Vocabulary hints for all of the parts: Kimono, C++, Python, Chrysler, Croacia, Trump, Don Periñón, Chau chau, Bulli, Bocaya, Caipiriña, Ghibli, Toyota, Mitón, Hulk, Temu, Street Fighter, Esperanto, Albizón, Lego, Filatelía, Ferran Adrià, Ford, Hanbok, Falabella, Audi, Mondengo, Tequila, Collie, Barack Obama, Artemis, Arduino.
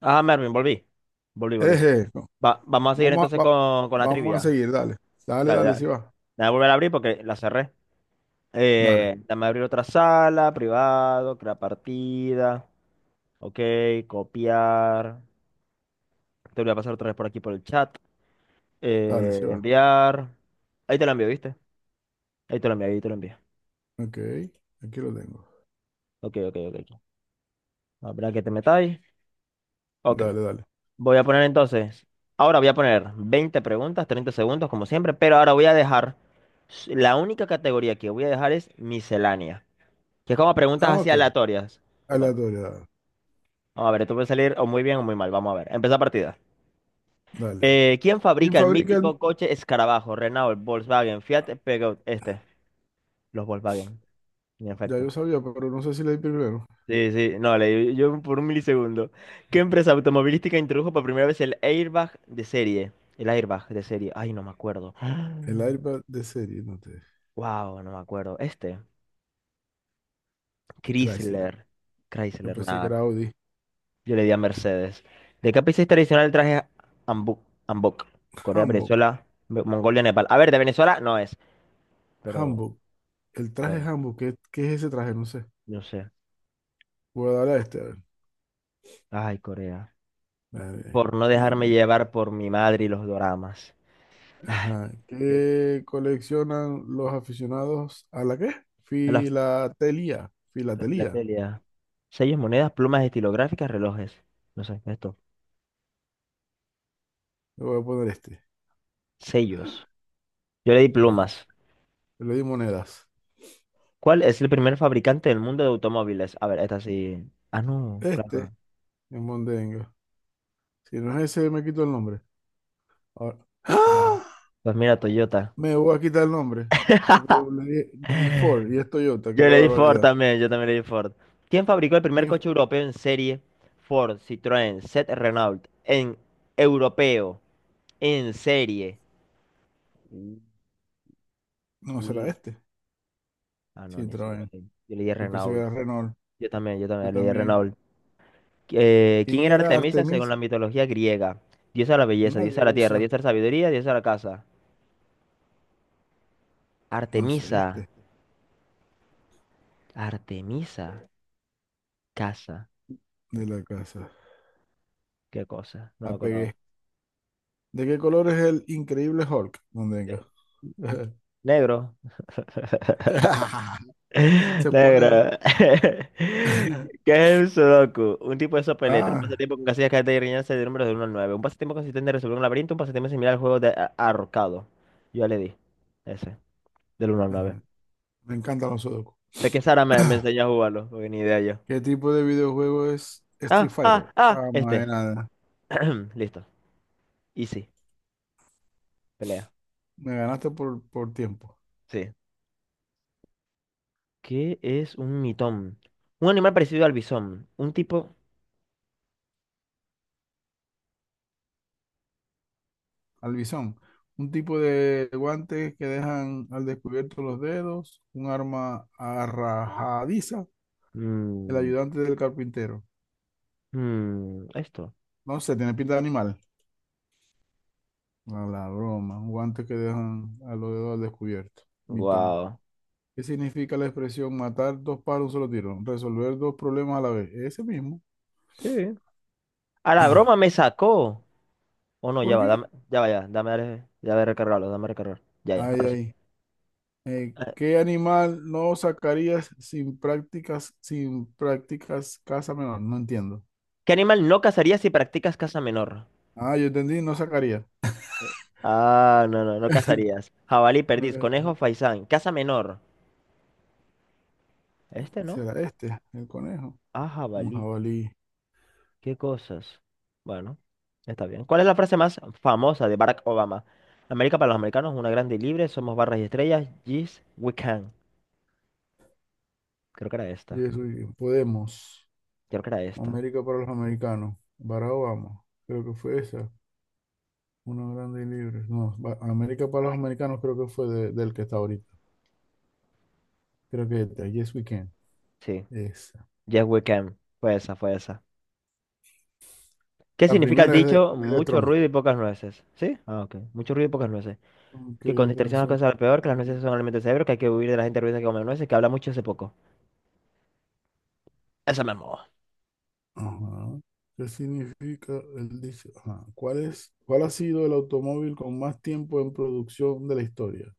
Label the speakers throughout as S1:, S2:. S1: Ah, Mervin, volví. Volví, volví.
S2: Eje, no.
S1: Vamos a seguir
S2: Vamos a,
S1: entonces con la
S2: vamos a
S1: trivia.
S2: seguir, dale. Dale,
S1: Dale,
S2: dale,
S1: dale.
S2: sí va.
S1: Voy a volver a abrir porque la cerré.
S2: Dale,
S1: Dame abrir otra sala, privado, crear partida. Ok, copiar. Te voy a pasar otra vez por aquí por el chat.
S2: dale, sí
S1: Eh,
S2: va.
S1: enviar. Ahí te lo envío, ¿viste? Ahí te lo envío, ahí te lo envío.
S2: Ok, aquí lo tengo.
S1: Ok, ok, ok. Ok. Habrá que te metáis. Ok.
S2: Dale, dale.
S1: Voy a poner entonces, ahora voy a poner 20 preguntas, 30 segundos como siempre, pero ahora voy a dejar, la única categoría que voy a dejar es miscelánea, que es como preguntas
S2: Ah,
S1: así
S2: ok.
S1: aleatorias. Bueno,
S2: Aleatoriedad.
S1: vamos a ver, esto puede salir o muy bien o muy mal, vamos a ver, empieza partida.
S2: Dale.
S1: ¿Quién
S2: ¿Quién
S1: fabrica el
S2: fabrica el...
S1: mítico coche Escarabajo? Renault, Volkswagen, Fiat, Peugeot, los Volkswagen, en
S2: Ya yo
S1: efecto.
S2: sabía, pero no sé si leí primero.
S1: Sí, sí, no, leí yo por un milisegundo. ¿Qué empresa automovilística introdujo por primera vez el airbag de serie? El airbag de serie. Ay, no me acuerdo.
S2: El iPad de serie, no te...
S1: Wow, no me acuerdo.
S2: Chrysler.
S1: Chrysler.
S2: Yo
S1: Chrysler,
S2: pensé que
S1: nada.
S2: era Audi.
S1: Yo le di a Mercedes. ¿De qué país es tradicional el traje Hanbok? Hanbok. Corea,
S2: Hanbok.
S1: Venezuela, Mongolia, Nepal. A ver, de Venezuela no es, pero,
S2: Hanbok. El traje
S1: pero,
S2: Hanbok. ¿Qué, qué es ese traje? No sé.
S1: no sé.
S2: Voy a darle a este. A ver.
S1: Ay, Corea.
S2: Gané,
S1: Por no dejarme
S2: gané.
S1: llevar por mi madre y los doramas.
S2: Ajá.
S1: ¿Qué?
S2: ¿Qué coleccionan los aficionados a la qué? Filatelía.
S1: La
S2: Filatelía.
S1: filatelia. Sellos, monedas, plumas estilográficas, relojes. No sé, esto.
S2: Le voy a poner este.
S1: Sellos. Yo le di
S2: Mira,
S1: plumas.
S2: yo le di monedas.
S1: ¿Cuál es el primer fabricante del mundo de automóviles? A ver, esta sí. Ah, no,
S2: Este
S1: claro.
S2: es Mondengo. Si no es ese, me quito el nombre. Ahora-
S1: No.
S2: ¡Ah!
S1: Pues mira, Toyota.
S2: Me voy a quitar el nombre. Porque yo le di Ford y es Toyota. Qué
S1: Yo le di Ford
S2: barbaridad.
S1: también, yo también le di Ford. ¿Quién fabricó el primer
S2: ¿Quién
S1: coche
S2: fue?
S1: europeo en serie? Ford, Citroën, Seat, Renault. En europeo, en serie. Uy.
S2: No será
S1: Uy.
S2: este.
S1: Ah, no,
S2: Sí,
S1: ni siquiera
S2: traen.
S1: Yo le di
S2: Y pues se
S1: Renault.
S2: queda Renault.
S1: Yo
S2: Yo
S1: también le di
S2: también.
S1: Renault. ¿Quién
S2: ¿Quién
S1: era
S2: era
S1: Artemisa según
S2: Artemis?
S1: la mitología griega? Diosa de la belleza,
S2: Una
S1: diosa de la tierra,
S2: diosa.
S1: diosa de la sabiduría, diosa de la casa.
S2: No sé,
S1: Artemisa,
S2: este
S1: Artemisa, casa,
S2: de la casa.
S1: qué cosa, no me acuerdo.
S2: Apegué. ¿De qué color es el increíble Hulk? No tengo.
S1: Negro,
S2: Se pone.
S1: negro. ¿Qué es el sudoku? Un tipo de sopa de letras, un
S2: Ah,
S1: pasatiempo con casillas, cartas y rellenarse de números de uno al 9. Un pasatiempo consistente en resolver un laberinto, un pasatiempo similar al juego de ahorcado. Yo ya le di ese, del uno al 9.
S2: ajá, me encantan los sudoku.
S1: Ve que Sara me enseñó a jugarlo, porque ni idea yo.
S2: ¿Qué tipo de videojuego es Street
S1: Ah, ah,
S2: Fighter?
S1: ah,
S2: Ah, madre
S1: este.
S2: nada.
S1: Listo. Easy. Pelea.
S2: Me ganaste por tiempo.
S1: Sí. ¿Qué es un mitón? Un animal parecido al bisón. Un tipo.
S2: Albizón. Un tipo de guantes que dejan al descubierto los dedos. Un arma arrajadiza. El
S1: Mm,
S2: ayudante del carpintero.
S1: mm, esto.
S2: No sé, tiene pinta de animal. A la broma. Un guante que dejan a los dedos al descubierto. Mitón.
S1: Wow.
S2: ¿Qué significa la expresión matar dos pájaros de un solo tiro? Resolver dos problemas a la vez. Ese mismo.
S1: Sí. A la broma me sacó. O no, ya
S2: ¿Por
S1: va,
S2: qué?
S1: dame, ya va, ya. Dame, ya va a recargarlo, dame a recargar. Ya, ya,
S2: Ay,
S1: ahora sí.
S2: ay.
S1: Eh,
S2: ¿Qué animal no sacarías sin prácticas caza menor? No entiendo.
S1: ¿Qué animal no cazarías si practicas caza menor?
S2: Ah, yo entendí, no sacaría.
S1: Eh, Ah, no, no, no cazarías. Jabalí, perdiz,
S2: Eh,
S1: conejo, faisán. Caza menor. Este no.
S2: Será este, el conejo.
S1: Ah,
S2: Un
S1: jabalí.
S2: jabalí.
S1: ¿Qué cosas? Bueno, está bien. ¿Cuál es la frase más famosa de Barack Obama? América para los americanos, una grande y libre, somos barras y estrellas, yes, we can. Creo que era esta,
S2: Yeso y- Podemos.
S1: creo que era esta.
S2: América para los americanos. Barack Obama. Creo que fue esa. Una grande y libre. No, ba- América para los americanos creo que fue del que está ahorita. Creo que es esta. Yes, we can.
S1: Sí,
S2: Esa.
S1: yes, we can. Fue esa, fue esa. ¿Qué
S2: La
S1: significa el
S2: primera
S1: dicho
S2: es de
S1: mucho
S2: Trump.
S1: ruido y pocas nueces? ¿Sí? Ah, ok. Mucho ruido y pocas nueces.
S2: Aunque
S1: Que con distracción las
S2: distracción-
S1: cosas salen peor, que las nueces son alimento del cerebro, que hay que huir de la gente ruidosa que come nueces, que habla mucho hace poco. Esa me mola.
S2: Ajá. ¿Qué significa el dicho? Ajá. ¿Cuál es, cuál ha sido el automóvil con más tiempo en producción de la historia?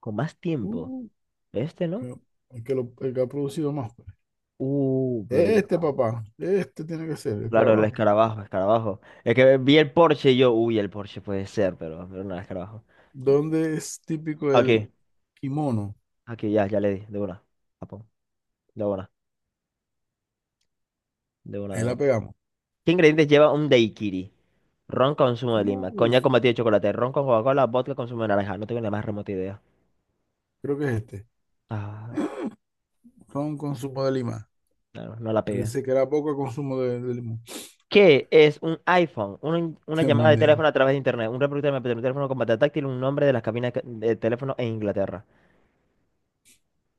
S1: Con más tiempo.
S2: Uh,
S1: Este, ¿no?
S2: que- el el que ha producido más, pues.
S1: Pero ya.
S2: Este, papá. Este tiene que ser, el
S1: Claro, el
S2: carabajo.
S1: escarabajo, escarabajo. Es que vi el Porsche y yo, uy, el Porsche puede ser, pero no, el escarabajo.
S2: ¿Dónde es típico
S1: Aquí,
S2: el kimono?
S1: aquí, ya, ya le di, de una. Japón, de una, de una,
S2: Ahí
S1: de
S2: la
S1: una.
S2: pegamos.
S1: ¿Qué ingredientes lleva un daiquiri? Ron con zumo de lima,
S2: Uh,
S1: coñac con batido de chocolate, ron con Coca-Cola, vodka con zumo de naranja. No tengo ni la más remota idea.
S2: creo que es este.
S1: Ah,
S2: Ron consumo de lima.
S1: no, no la
S2: Pero
S1: pegué.
S2: dice que era poco consumo de limón.
S1: ¿Qué es un iPhone? Una
S2: Qué
S1: llamada de
S2: mondongo.
S1: teléfono a través de internet, un reproductor de MP3, un teléfono con pantalla táctil, un nombre de las cabinas de teléfono en Inglaterra.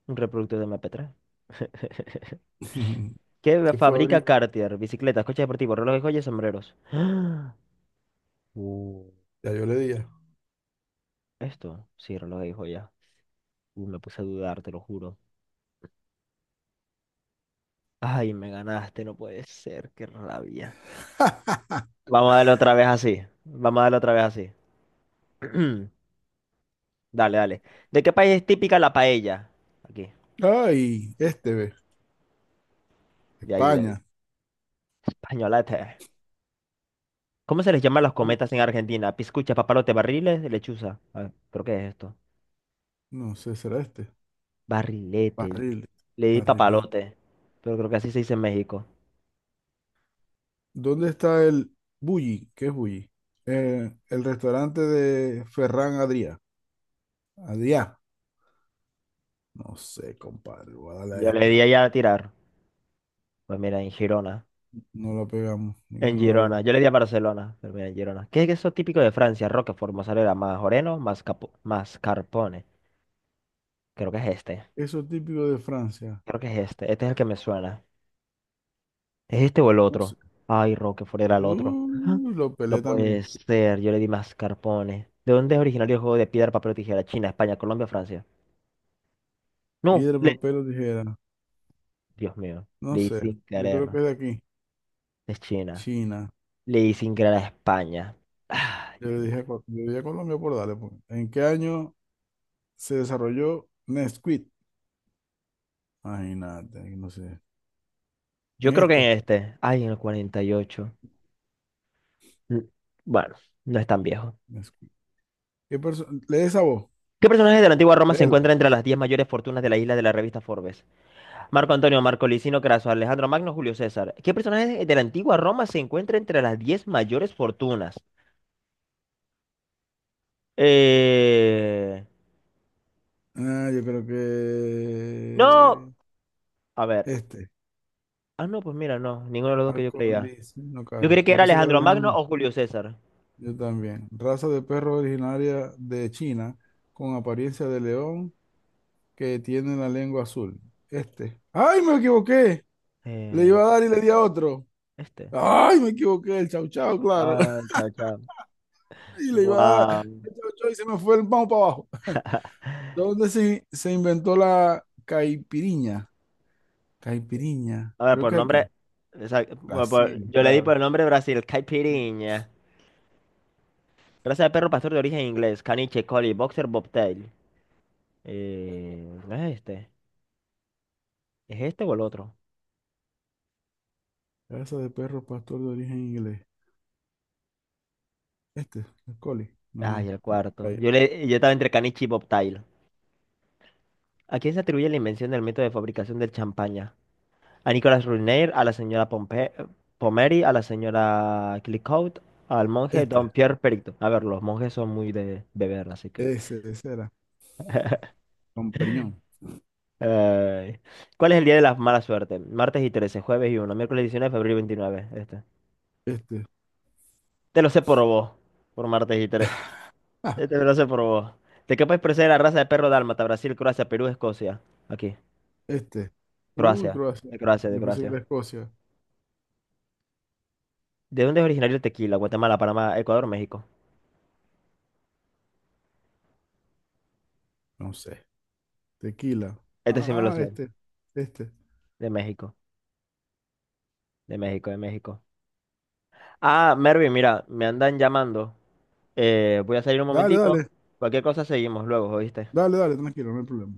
S1: Un reproductor de MP3. ¿Qué
S2: ¿Qué fue
S1: fabrica
S2: abrir?
S1: Cartier? Bicicletas, coches deportivos, relojes, joyas, sombreros. Uh,
S2: Ya yo le di ya.
S1: esto, sí, relojes y joyas. Me puse a dudar, te lo juro. Ay, me ganaste, no puede ser, qué rabia. Vamos a darle otra vez así. Vamos a darle otra vez así. Dale, dale. ¿De qué país es típica la paella? Aquí,
S2: Ay, este ve.
S1: de ahí, de ahí.
S2: España.
S1: Españolete. ¿Cómo se les llama a los
S2: ¿Cómo?
S1: cometas en Argentina? Piscucha, papalote, barriles, lechuza. A ver, ¿pero qué es esto?
S2: No sé, será este.
S1: Barrilete.
S2: Barrilete.
S1: Le di
S2: Barrilete.
S1: papalote, pero creo que así se dice en México.
S2: ¿Dónde está el Bulli? ¿Qué es Bulli? El restaurante de Ferran Adrià. Adrià. No sé, compadre. Voy a darle a
S1: Yo le di
S2: esta.
S1: allá a tirar. Pues mira, en Girona.
S2: No la pegamos.
S1: En
S2: Ninguno de las dos.
S1: Girona. Yo le di a Barcelona. Pero mira, en Girona. ¿Qué es eso típico de Francia? Roquefort, mozzarella, majoreno, mascarpone. Creo que es este.
S2: Eso típico de Francia.
S1: Creo que es este. Este es el que me suena. ¿Es este o el
S2: No
S1: otro?
S2: sé.
S1: Ay, Roquefort era el otro. Ah,
S2: Lo
S1: no
S2: pelé
S1: puede
S2: también.
S1: ser. Yo le di mascarpone. ¿De dónde es originario el juego de piedra, papel o tijera? China, España, Colombia, Francia. No.
S2: Piedra, papel o tijera.
S1: Dios mío.
S2: No
S1: Le di
S2: sé.
S1: sin
S2: Yo
S1: querer.
S2: creo que es de aquí.
S1: Es China.
S2: China.
S1: Le di sin querer a España. Ah,
S2: Yo
S1: Dios
S2: le
S1: mío.
S2: dije, yo dije Colombia por darle, pues. ¿En qué año se desarrolló Nesquik? Imagínate, ahí no sé.
S1: Yo
S2: En
S1: creo que
S2: este,
S1: en este. Ay, en el 48. Mm, Bueno, no es tan viejo.
S2: Nesquik. ¿Qué perso- Lee esa voz,
S1: ¿Qué personaje de la antigua Roma se
S2: léela.
S1: encuentra entre las 10 mayores fortunas de la isla de la revista Forbes? Marco Antonio, Marco Licino Craso, Alejandro Magno, Julio César. ¿Qué personaje de la antigua Roma se encuentra entre las 10 mayores fortunas? Eh...
S2: Ah, yo creo
S1: No.
S2: que
S1: A ver.
S2: este,
S1: Ah, no, pues mira, no. Ninguno de los dos que yo
S2: Marco
S1: creía.
S2: Liz, no,
S1: Yo creí
S2: Carlos.
S1: que
S2: Yo
S1: era
S2: pensé que era
S1: Alejandro Magno
S2: Alejandro.
S1: o Julio César.
S2: Yo también. Raza de perro originaria de China con apariencia de león que tiene la lengua azul. Este. ¡Ay, me equivoqué! Le
S1: Eh,
S2: iba a dar y le di a otro.
S1: este.
S2: ¡Ay, me equivoqué! El chau chau, claro.
S1: Ah, chao, chao.
S2: Y le iba a dar
S1: Guau.
S2: a- y se me fue el vamos para abajo. ¿Dónde se inventó la caipiriña? Caipiriña,
S1: A ver,
S2: creo
S1: por
S2: que
S1: nombre.
S2: aquí.
S1: Bueno,
S2: Brasil,
S1: yo le di
S2: claro.
S1: por nombre Brasil, caipirinha. Raza de perro pastor de origen inglés, caniche, collie, boxer, bobtail. ¿No es este? ¿Es este o el otro?
S2: Raza de perro pastor de origen inglés. Este, el Collie.
S1: Ay,
S2: No,
S1: el cuarto.
S2: Bocaya.
S1: Yo estaba entre caniche y bobtail. ¿A quién se atribuye la invención del método de fabricación del champaña? A Nicolas Ruinier, a la señora Pomeri, a la señora Clicquot, al monje Don
S2: Este,
S1: Pierre Perito. A ver, los monjes son muy de beber, así que.
S2: ese era. Don Periñón.
S1: Ay. ¿Cuál es el día de la mala suerte? Martes y 13, jueves y uno, miércoles 19, febrero y 29. Este.
S2: Este,
S1: Te lo sé por vos, por martes y 13.
S2: ah,
S1: Este me lo sé por vos. ¿De qué país procede la raza de perro dálmata? Brasil, Croacia, Perú, Escocia. Aquí,
S2: este. Uy,
S1: Croacia.
S2: Croacia.
S1: De Croacia, de
S2: Yo pensé que
S1: Croacia.
S2: era Escocia.
S1: ¿De dónde es originario el tequila? Guatemala, Panamá, Ecuador, México.
S2: No sé. Tequila.
S1: Este sí me lo
S2: Ah,
S1: sé.
S2: este, este.
S1: De México, de México, de México. Ah, Mervin, mira, me andan llamando. Voy a salir un
S2: Dale,
S1: momentico.
S2: dale,
S1: Cualquier cosa seguimos luego, ¿oíste?
S2: dale, dale, tranquilo, no hay problema.